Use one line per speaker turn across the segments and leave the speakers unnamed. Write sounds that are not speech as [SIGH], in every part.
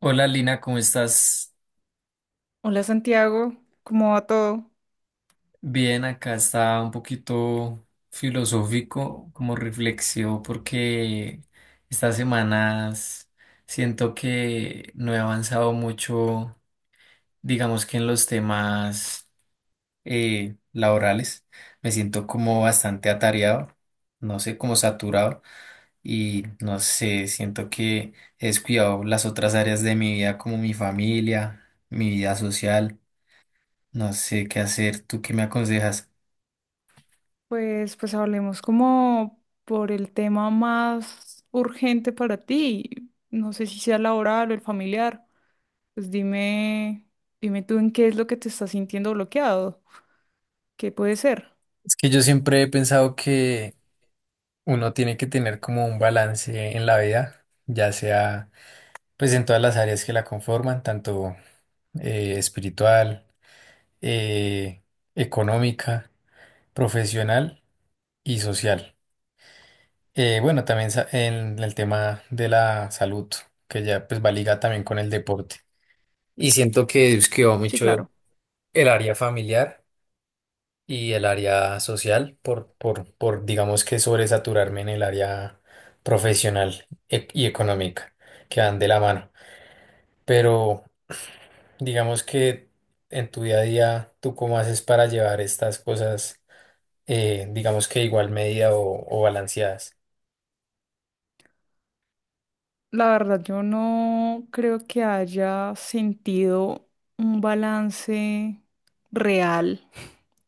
Hola Lina, ¿cómo estás?
Hola Santiago, ¿cómo va todo?
Bien, acá está un poquito filosófico, como reflexivo, porque estas semanas siento que no he avanzado mucho, digamos que en los temas laborales. Me siento como bastante atareado, no sé, como saturado y no sé, siento que he descuidado las otras áreas de mi vida, como mi familia, mi vida social. No sé qué hacer. ¿Tú qué me aconsejas?
Pues hablemos como por el tema más urgente para ti. No sé si sea laboral o el familiar. Pues dime tú en qué es lo que te estás sintiendo bloqueado. ¿Qué puede ser?
Es que yo siempre he pensado que uno tiene que tener como un balance en la vida, ya sea pues en todas las áreas que la conforman, tanto espiritual, eh, económica, profesional y social. Bueno, también en el tema de la salud, que ya pues va ligada también con el deporte. Y siento que es que va
Sí,
mucho
claro.
el área familiar y el área social por digamos que sobresaturarme en el área profesional y económica, que van de la mano. Pero digamos que en tu día a día, ¿tú cómo haces para llevar estas cosas, digamos que igual medida o balanceadas?
La verdad, yo no creo que haya sentido un balance real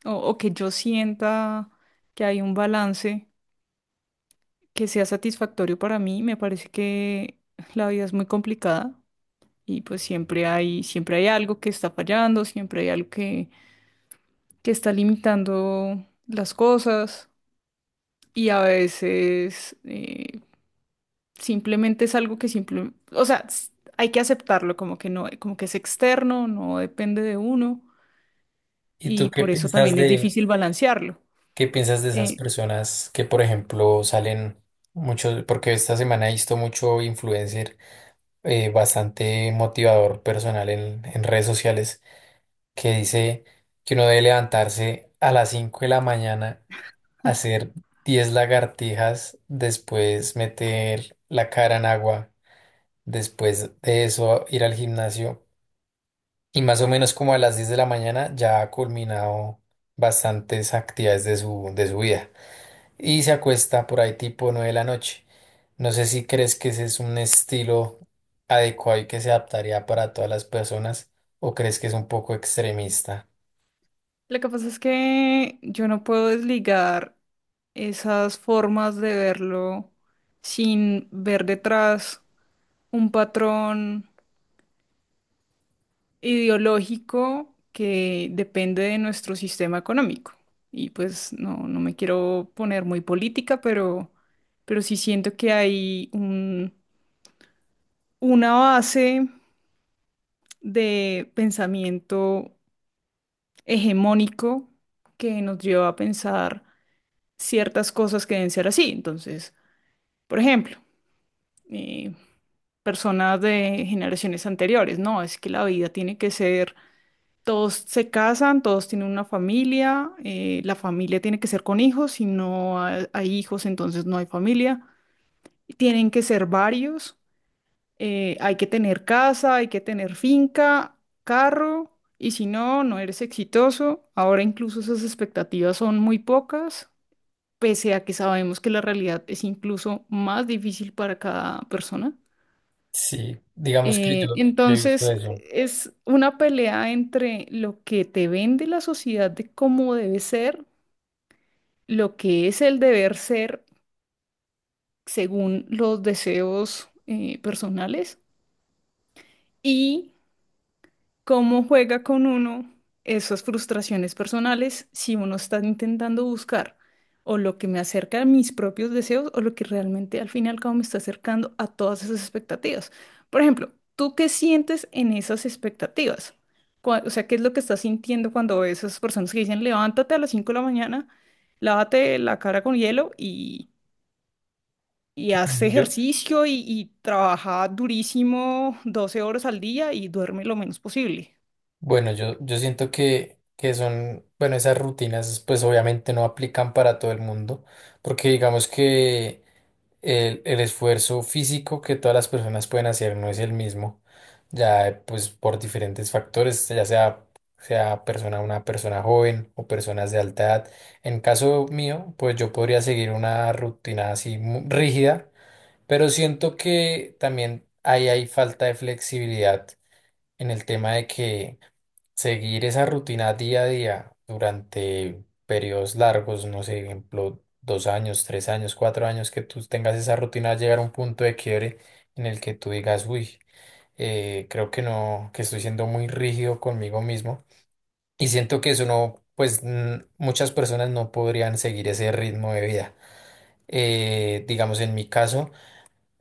o que yo sienta que hay un balance que sea satisfactorio para mí. Me parece que la vida es muy complicada y pues siempre hay algo que está fallando, siempre hay algo que está limitando las cosas y a veces simplemente es algo que simple, o sea, hay que aceptarlo como que no, como que es externo, no depende de uno
¿Y tú
y por eso también es difícil balancearlo.
qué piensas de esas
Eh,
personas que, por ejemplo, salen mucho, porque esta semana he visto mucho influencer bastante motivador personal en redes sociales que dice que uno debe levantarse a las 5 de la mañana, hacer 10 lagartijas, después meter la cara en agua, después de eso ir al gimnasio y más o menos como a las 10 de la mañana ya ha culminado bastantes actividades de de su vida y se acuesta por ahí tipo 9 de la noche. No sé si crees que ese es un estilo adecuado y que se adaptaría para todas las personas o crees que es un poco extremista.
Lo que pasa es que yo no puedo desligar esas formas de verlo sin ver detrás un patrón ideológico que depende de nuestro sistema económico. Y pues no, no me quiero poner muy política, pero sí siento que hay una base de pensamiento hegemónico que nos lleva a pensar ciertas cosas que deben ser así. Entonces, por ejemplo, eh, personas de generaciones anteriores, no, es que la vida tiene que ser, todos se casan, todos tienen una familia, la familia tiene que ser con hijos, si no hay hijos, entonces no hay familia, y tienen que ser varios, hay que tener casa, hay que tener finca, carro, y si no, no eres exitoso. Ahora incluso esas expectativas son muy pocas, pese a que sabemos que la realidad es incluso más difícil para cada persona.
Sí, digamos que yo he visto
Entonces,
eso.
es una pelea entre lo que te vende la sociedad de cómo debe ser, lo que es el deber ser según los deseos personales y cómo juega con uno esas frustraciones personales si uno está intentando buscar o lo que me acerca a mis propios deseos o lo que realmente al fin y al cabo me está acercando a todas esas expectativas. Por ejemplo, ¿tú qué sientes en esas expectativas? O sea, ¿qué es lo que estás sintiendo cuando ves esas personas que dicen, levántate a las 5 de la mañana, lávate la cara con hielo y
Bueno,
haz ejercicio y trabaja durísimo 12 horas al día y duerme lo menos posible?
Yo siento que son, bueno, esas rutinas pues obviamente no aplican para todo el mundo, porque digamos que el esfuerzo físico que todas las personas pueden hacer no es el mismo, ya pues por diferentes factores, sea persona, una persona joven o personas de alta edad. En caso mío, pues yo podría seguir una rutina así rígida. Pero siento que también ahí hay falta de flexibilidad en el tema de que seguir esa rutina día a día durante periodos largos, no sé, ejemplo, 2 años, 3 años, 4 años, que tú tengas esa rutina, llegar a un punto de quiebre en el que tú digas, uy, creo que no, que estoy siendo muy rígido conmigo mismo. Y siento que eso no, pues muchas personas no podrían seguir ese ritmo de vida. Digamos, en mi caso.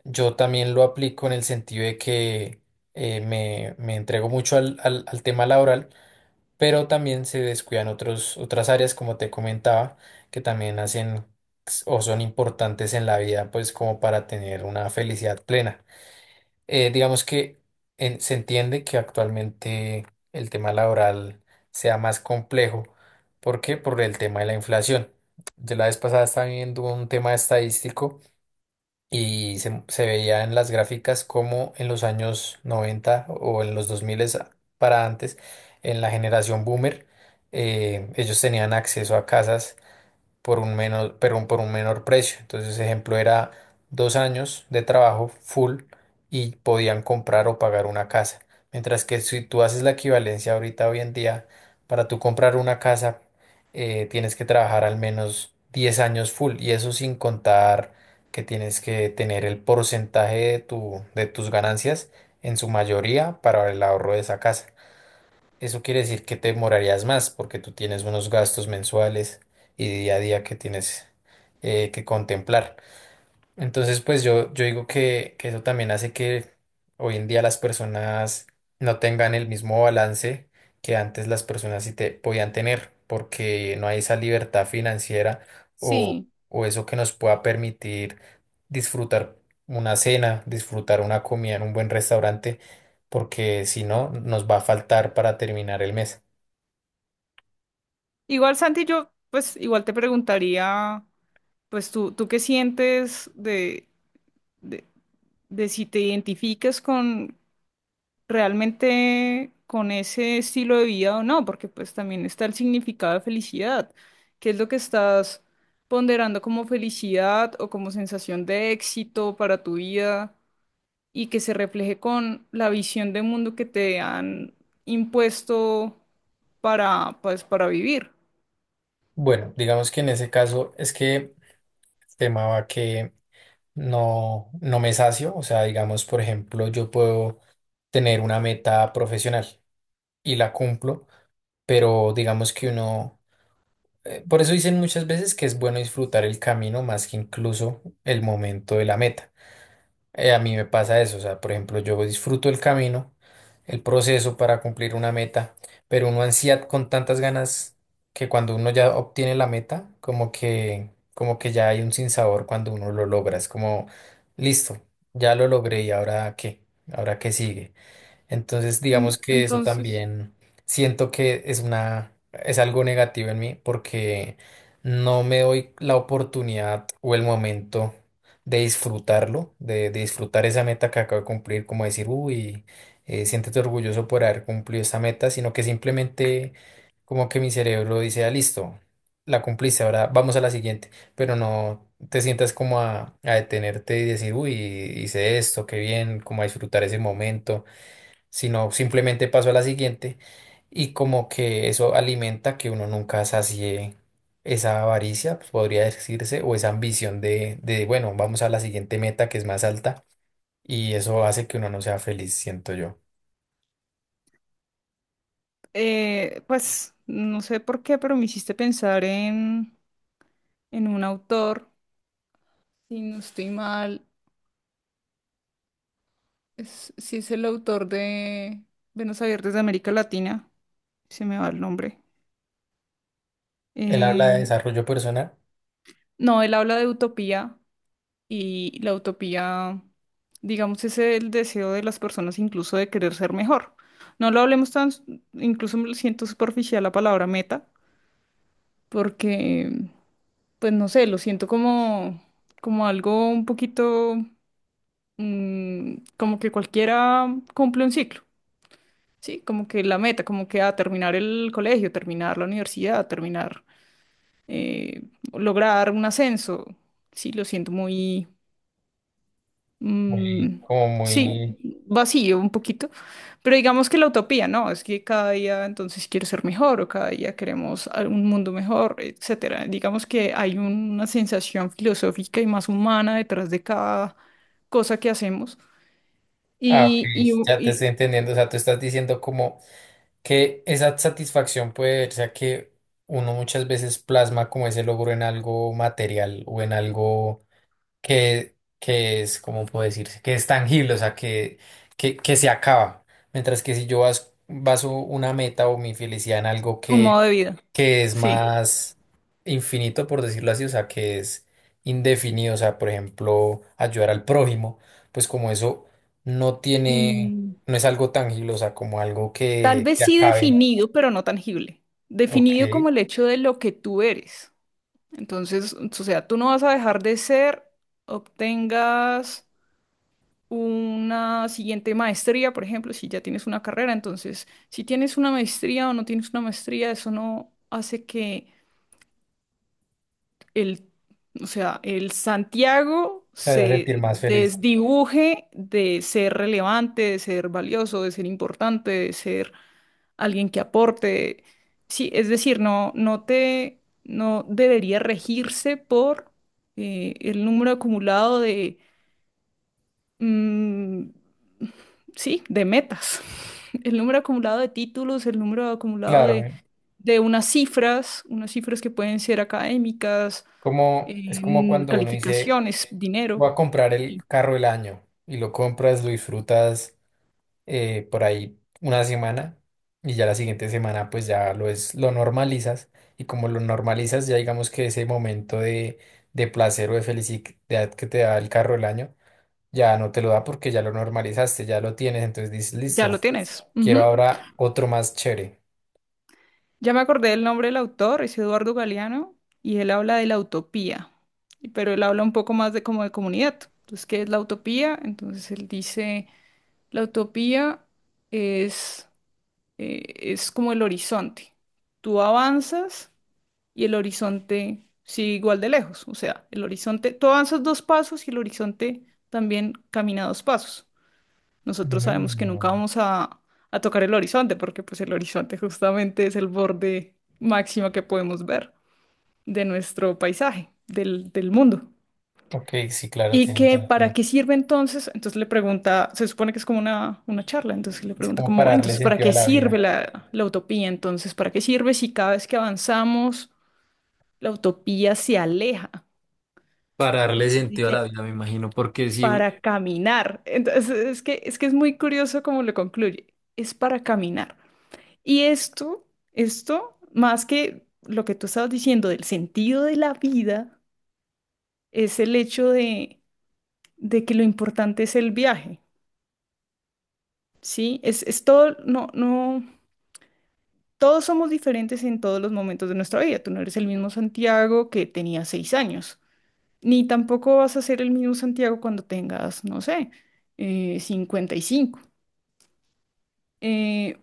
Yo también lo aplico en el sentido de que me entrego mucho al tema laboral, pero también se descuidan otras áreas, como te comentaba, que también hacen o son importantes en la vida, pues como para tener una felicidad plena. Digamos que se entiende que actualmente el tema laboral sea más complejo. ¿Por qué? Por el tema de la inflación. De la vez pasada estaba viendo un tema estadístico y se veía en las gráficas como en los años 90 o en los 2000 para antes, en la generación boomer, ellos tenían acceso a casas por un menor, pero un por un menor precio. Entonces, ejemplo, era 2 años de trabajo full y podían comprar o pagar una casa. Mientras que si tú haces la equivalencia ahorita, hoy en día, para tú comprar una casa, tienes que trabajar al menos 10 años full y eso sin contar que tienes que tener el porcentaje de de tus ganancias en su mayoría para el ahorro de esa casa. Eso quiere decir que te demorarías más porque tú tienes unos gastos mensuales y día a día que tienes que contemplar. Entonces, pues yo digo que eso también hace que hoy en día las personas no tengan el mismo balance que antes las personas sí te podían tener, porque no hay esa libertad financiera o,
Sí.
o eso que nos pueda permitir disfrutar una cena, disfrutar una comida en un buen restaurante, porque si no, nos va a faltar para terminar el mes.
Igual, Santi, yo pues igual te preguntaría, pues tú qué sientes de, de, de si te identificas con realmente con ese estilo de vida o no, porque pues también está el significado de felicidad. ¿Qué es lo que estás ponderando como felicidad o como sensación de éxito para tu vida y que se refleje con la visión de mundo que te han impuesto para, pues, para vivir?
Bueno, digamos que en ese caso es que el tema va que no, no me sacio. O sea, digamos, por ejemplo, yo puedo tener una meta profesional y la cumplo, pero digamos que uno, por eso dicen muchas veces que es bueno disfrutar el camino más que incluso el momento de la meta. A mí me pasa eso, o sea, por ejemplo, yo disfruto el camino, el proceso para cumplir una meta, pero uno ansía con tantas ganas que cuando uno ya obtiene la meta, como que ya hay un sinsabor cuando uno lo logra, es como, listo, ya lo logré y ahora qué sigue. Entonces, digamos
En-
que eso
entonces...
también siento que es una, es algo negativo en mí porque no me doy la oportunidad o el momento de disfrutarlo, de disfrutar esa meta que acabo de cumplir, como decir, uy, siéntete orgulloso por haber cumplido esa meta, sino que simplemente como que mi cerebro dice, ah, listo, la cumpliste, ahora vamos a la siguiente, pero no te sientas como a detenerte y decir, uy, hice esto, qué bien, como a disfrutar ese momento sino simplemente paso a la siguiente y como que eso alimenta que uno nunca sacie esa avaricia, pues, podría decirse, o esa ambición bueno, vamos a la siguiente meta que es más alta y eso hace que uno no sea feliz, siento yo.
Pues no sé por qué, pero me hiciste pensar en un autor, si no estoy mal, si es el autor de Venos Abiertos de América Latina, se me va el nombre.
Él habla de
Eh,
desarrollo personal,
no, él habla de utopía y la utopía, digamos, es el deseo de las personas incluso de querer ser mejor. No lo hablemos tan, incluso me siento superficial la palabra meta, porque pues no sé, lo siento como algo un poquito, como que cualquiera cumple un ciclo, ¿sí? Como que la meta, como que a terminar el colegio, terminar la universidad, terminar, eh, lograr un ascenso, sí, lo siento muy...
muy,
Mm,
como muy.
sí, vacío un poquito, pero digamos que la utopía, ¿no? Es que cada día entonces si quiero ser mejor o cada día queremos un mundo mejor, etcétera. Digamos que hay una sensación filosófica y más humana detrás de cada cosa que hacemos
Ah, ok,
y, y un
ya te
y
estoy entendiendo, o sea, tú estás diciendo como que esa satisfacción puede verse a que uno muchas veces plasma como ese logro en algo material o en algo que es, ¿cómo puedo decirse? Que es tangible, o sea, que se acaba. Mientras que si yo baso una meta o mi felicidad en algo
un modo de vida,
que es
sí.
más infinito, por decirlo así, o sea, que es indefinido, o sea, por ejemplo, ayudar al prójimo, pues como eso no tiene,
Mm,
no es algo tangible, o sea, como algo
tal
que
vez
se
sí
acabe.
definido, pero no tangible.
Ok,
Definido como el hecho de lo que tú eres. Entonces, o sea, tú no vas a dejar de ser, obtengas una siguiente maestría, por ejemplo, si ya tienes una carrera. Entonces, si tienes una maestría o no tienes una maestría, eso no hace que el, o sea, el Santiago
se hace sentir
se
más feliz.
desdibuje de ser relevante, de ser valioso, de ser importante, de ser alguien que aporte. Sí, es decir, no debería regirse por el número acumulado de mm, sí, de metas. [LAUGHS] El número acumulado de títulos, el número acumulado
Claro, ¿eh?
de unas cifras que pueden ser académicas,
Es como
en
cuando uno dice,
calificaciones, dinero.
voy a comprar el
Sí,
carro del año y lo compras, lo disfrutas por ahí una semana y ya la siguiente semana pues ya lo normalizas y como lo normalizas ya digamos que ese momento de placer o de felicidad que te da el carro del año ya no te lo da porque ya lo normalizaste, ya lo tienes, entonces dices,
ya lo
listo,
tienes.
quiero
Ujú.
ahora otro más chévere.
Ya me acordé del nombre del autor, es Eduardo Galeano, y él habla de la utopía, y- pero él habla un poco más de como de comunidad. Entonces, ¿qué es la utopía? Entonces él dice, la utopía es eh, es como el horizonte. Tú avanzas y el horizonte sigue igual de lejos. O sea, el horizonte, tú avanzas 2 pasos y el horizonte también camina 2 pasos. Nosotros sabemos que nunca
Mm,
vamos a tocar el horizonte porque pues el horizonte justamente es el borde máximo que podemos ver de nuestro paisaje, del, del mundo.
Ok, sí, claro,
¿Y
tiene
que para
sentido.
qué sirve entonces? Entonces le pregunta, se supone que es como una charla, entonces le
Es
pregunta
como
como,
para
"Bueno,
darle
entonces, ¿para
sentido
qué
a la
sirve
vida.
la utopía? Entonces, ¿para qué sirve si cada vez que avanzamos la utopía se aleja?
Para darle
Entonces
sentido a
dice,
la vida, me imagino, porque sí,
para caminar". Entonces, es que, es que es muy curioso cómo lo concluye, es para caminar. Y esto, más que lo que tú estabas diciendo del sentido de la vida, es el hecho de que lo importante es el viaje. Sí, es todo, no, no, todos somos diferentes en todos los momentos de nuestra vida. Tú no eres el mismo Santiago que tenía 6 años, ni tampoco vas a ser el mismo Santiago cuando tengas, no sé, 55. Eh,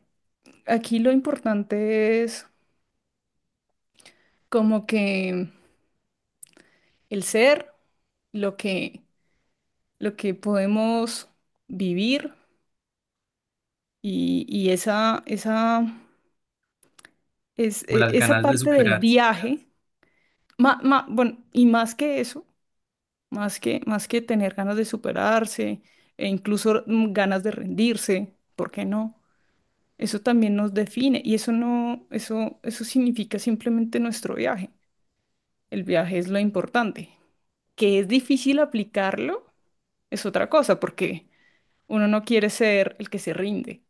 Aquí lo importante es como que el ser, lo que, lo que podemos vivir y, y esa, esa, es,
con
e-
las
esa
ganas de
parte del
superarse.
viaje, bueno, y más que eso más que tener ganas de superarse e incluso ganas de rendirse, ¿por qué no? Eso también nos define y eso no, eso significa simplemente nuestro viaje. El viaje es lo importante. Que es difícil aplicarlo es otra cosa, porque uno no quiere ser el que se rinde.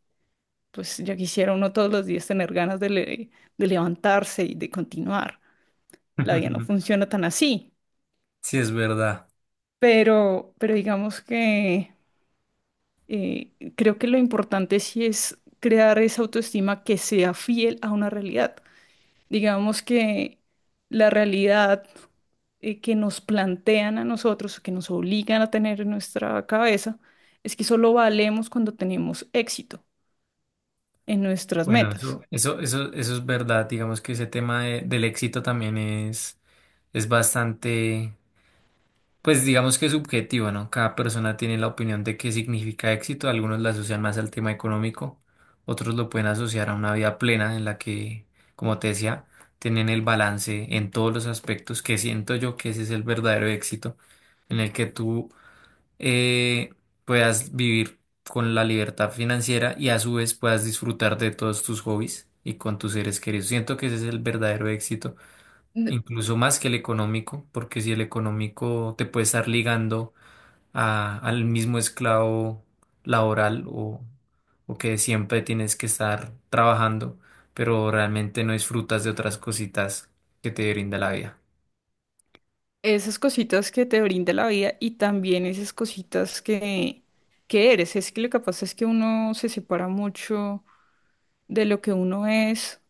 Pues ya quisiera uno todos los días tener ganas de, de levantarse y de continuar. La vida no
[LAUGHS]
funciona tan así,
Sí, es verdad.
pero digamos que creo que lo importante sí es crear esa autoestima que sea fiel a una realidad. Digamos que la realidad que nos plantean a nosotros, que nos obligan a tener en nuestra cabeza, es que solo valemos cuando tenemos éxito en nuestras
Bueno,
metas.
eso es verdad. Digamos que ese tema del éxito también es bastante. Pues digamos que es subjetivo, ¿no? Cada persona tiene la opinión de qué significa éxito. Algunos la asocian más al tema económico, otros lo pueden asociar a una vida plena en la que, como te decía, tienen el balance en todos los aspectos, que siento yo que ese es el verdadero éxito, en el que tú eh, puedas vivir con la libertad financiera y a su vez puedas disfrutar de todos tus hobbies y con tus seres queridos. Siento que ese es el verdadero éxito
N-
incluso más que el económico, porque si el económico te puede estar ligando al mismo esclavo laboral o que siempre tienes que estar trabajando, pero realmente no disfrutas de otras cositas que te brinda la vida.
Esas cositas que te brinda la vida y también esas cositas que eres. Es que lo que pasa es que uno se separa mucho de lo que uno es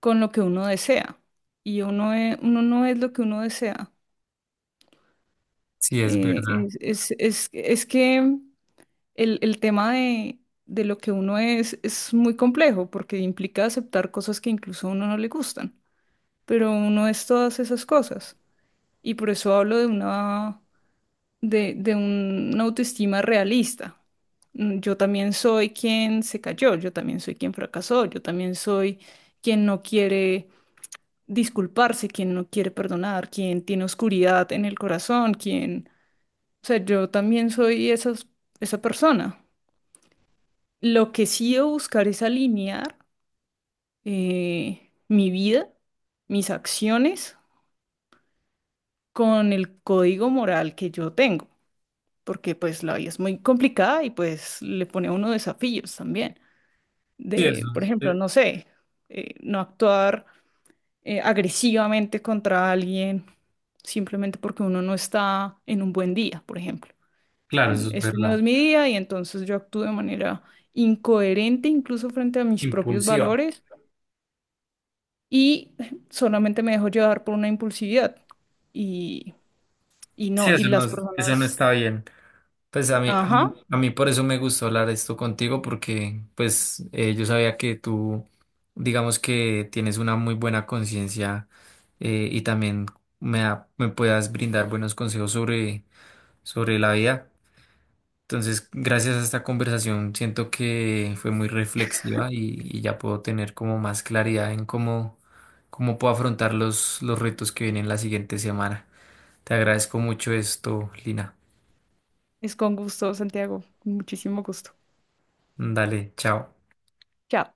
con lo que uno desea. Y uno, uno no es lo que uno desea.
Sí, es verdad.
Es que el tema de lo que uno es muy complejo porque implica aceptar cosas que incluso a uno no le gustan. Pero uno es todas esas cosas. Y por eso hablo de una, de una autoestima realista. Yo también soy quien se cayó, yo también soy quien fracasó, yo también soy quien no quiere disculparse, quien no quiere perdonar, quien tiene oscuridad en el corazón, quien... O sea, yo también soy esa persona. Lo que sí debo buscar es alinear mi vida, mis acciones con el código moral que yo tengo, porque pues la vida es muy complicada y pues le pone a uno desafíos también.
Sí, eso
De, por
es,
ejemplo, no sé, no actuar agresivamente contra alguien simplemente porque uno no está en un buen día, por ejemplo.
claro, eso es
Este no
verdad.
es mi día y entonces yo actúo de manera incoherente incluso frente a mis propios
Impulsiva.
valores y [LAUGHS] solamente me dejo llevar por una impulsividad y, y
Sí,
no, y
eso no,
las
eso no
personas,
está bien. Pues
ajá,
a mí por eso me gustó hablar esto contigo, porque pues yo sabía que tú, digamos que tienes una muy buena conciencia y también me puedas brindar buenos consejos sobre, sobre la vida. Entonces, gracias a esta conversación, siento que fue muy reflexiva y ya puedo tener como más claridad en cómo, cómo puedo afrontar los retos que vienen la siguiente semana. Te agradezco mucho esto, Lina.
es con gusto, Santiago, con muchísimo gusto.
Dale, chao.
Chao.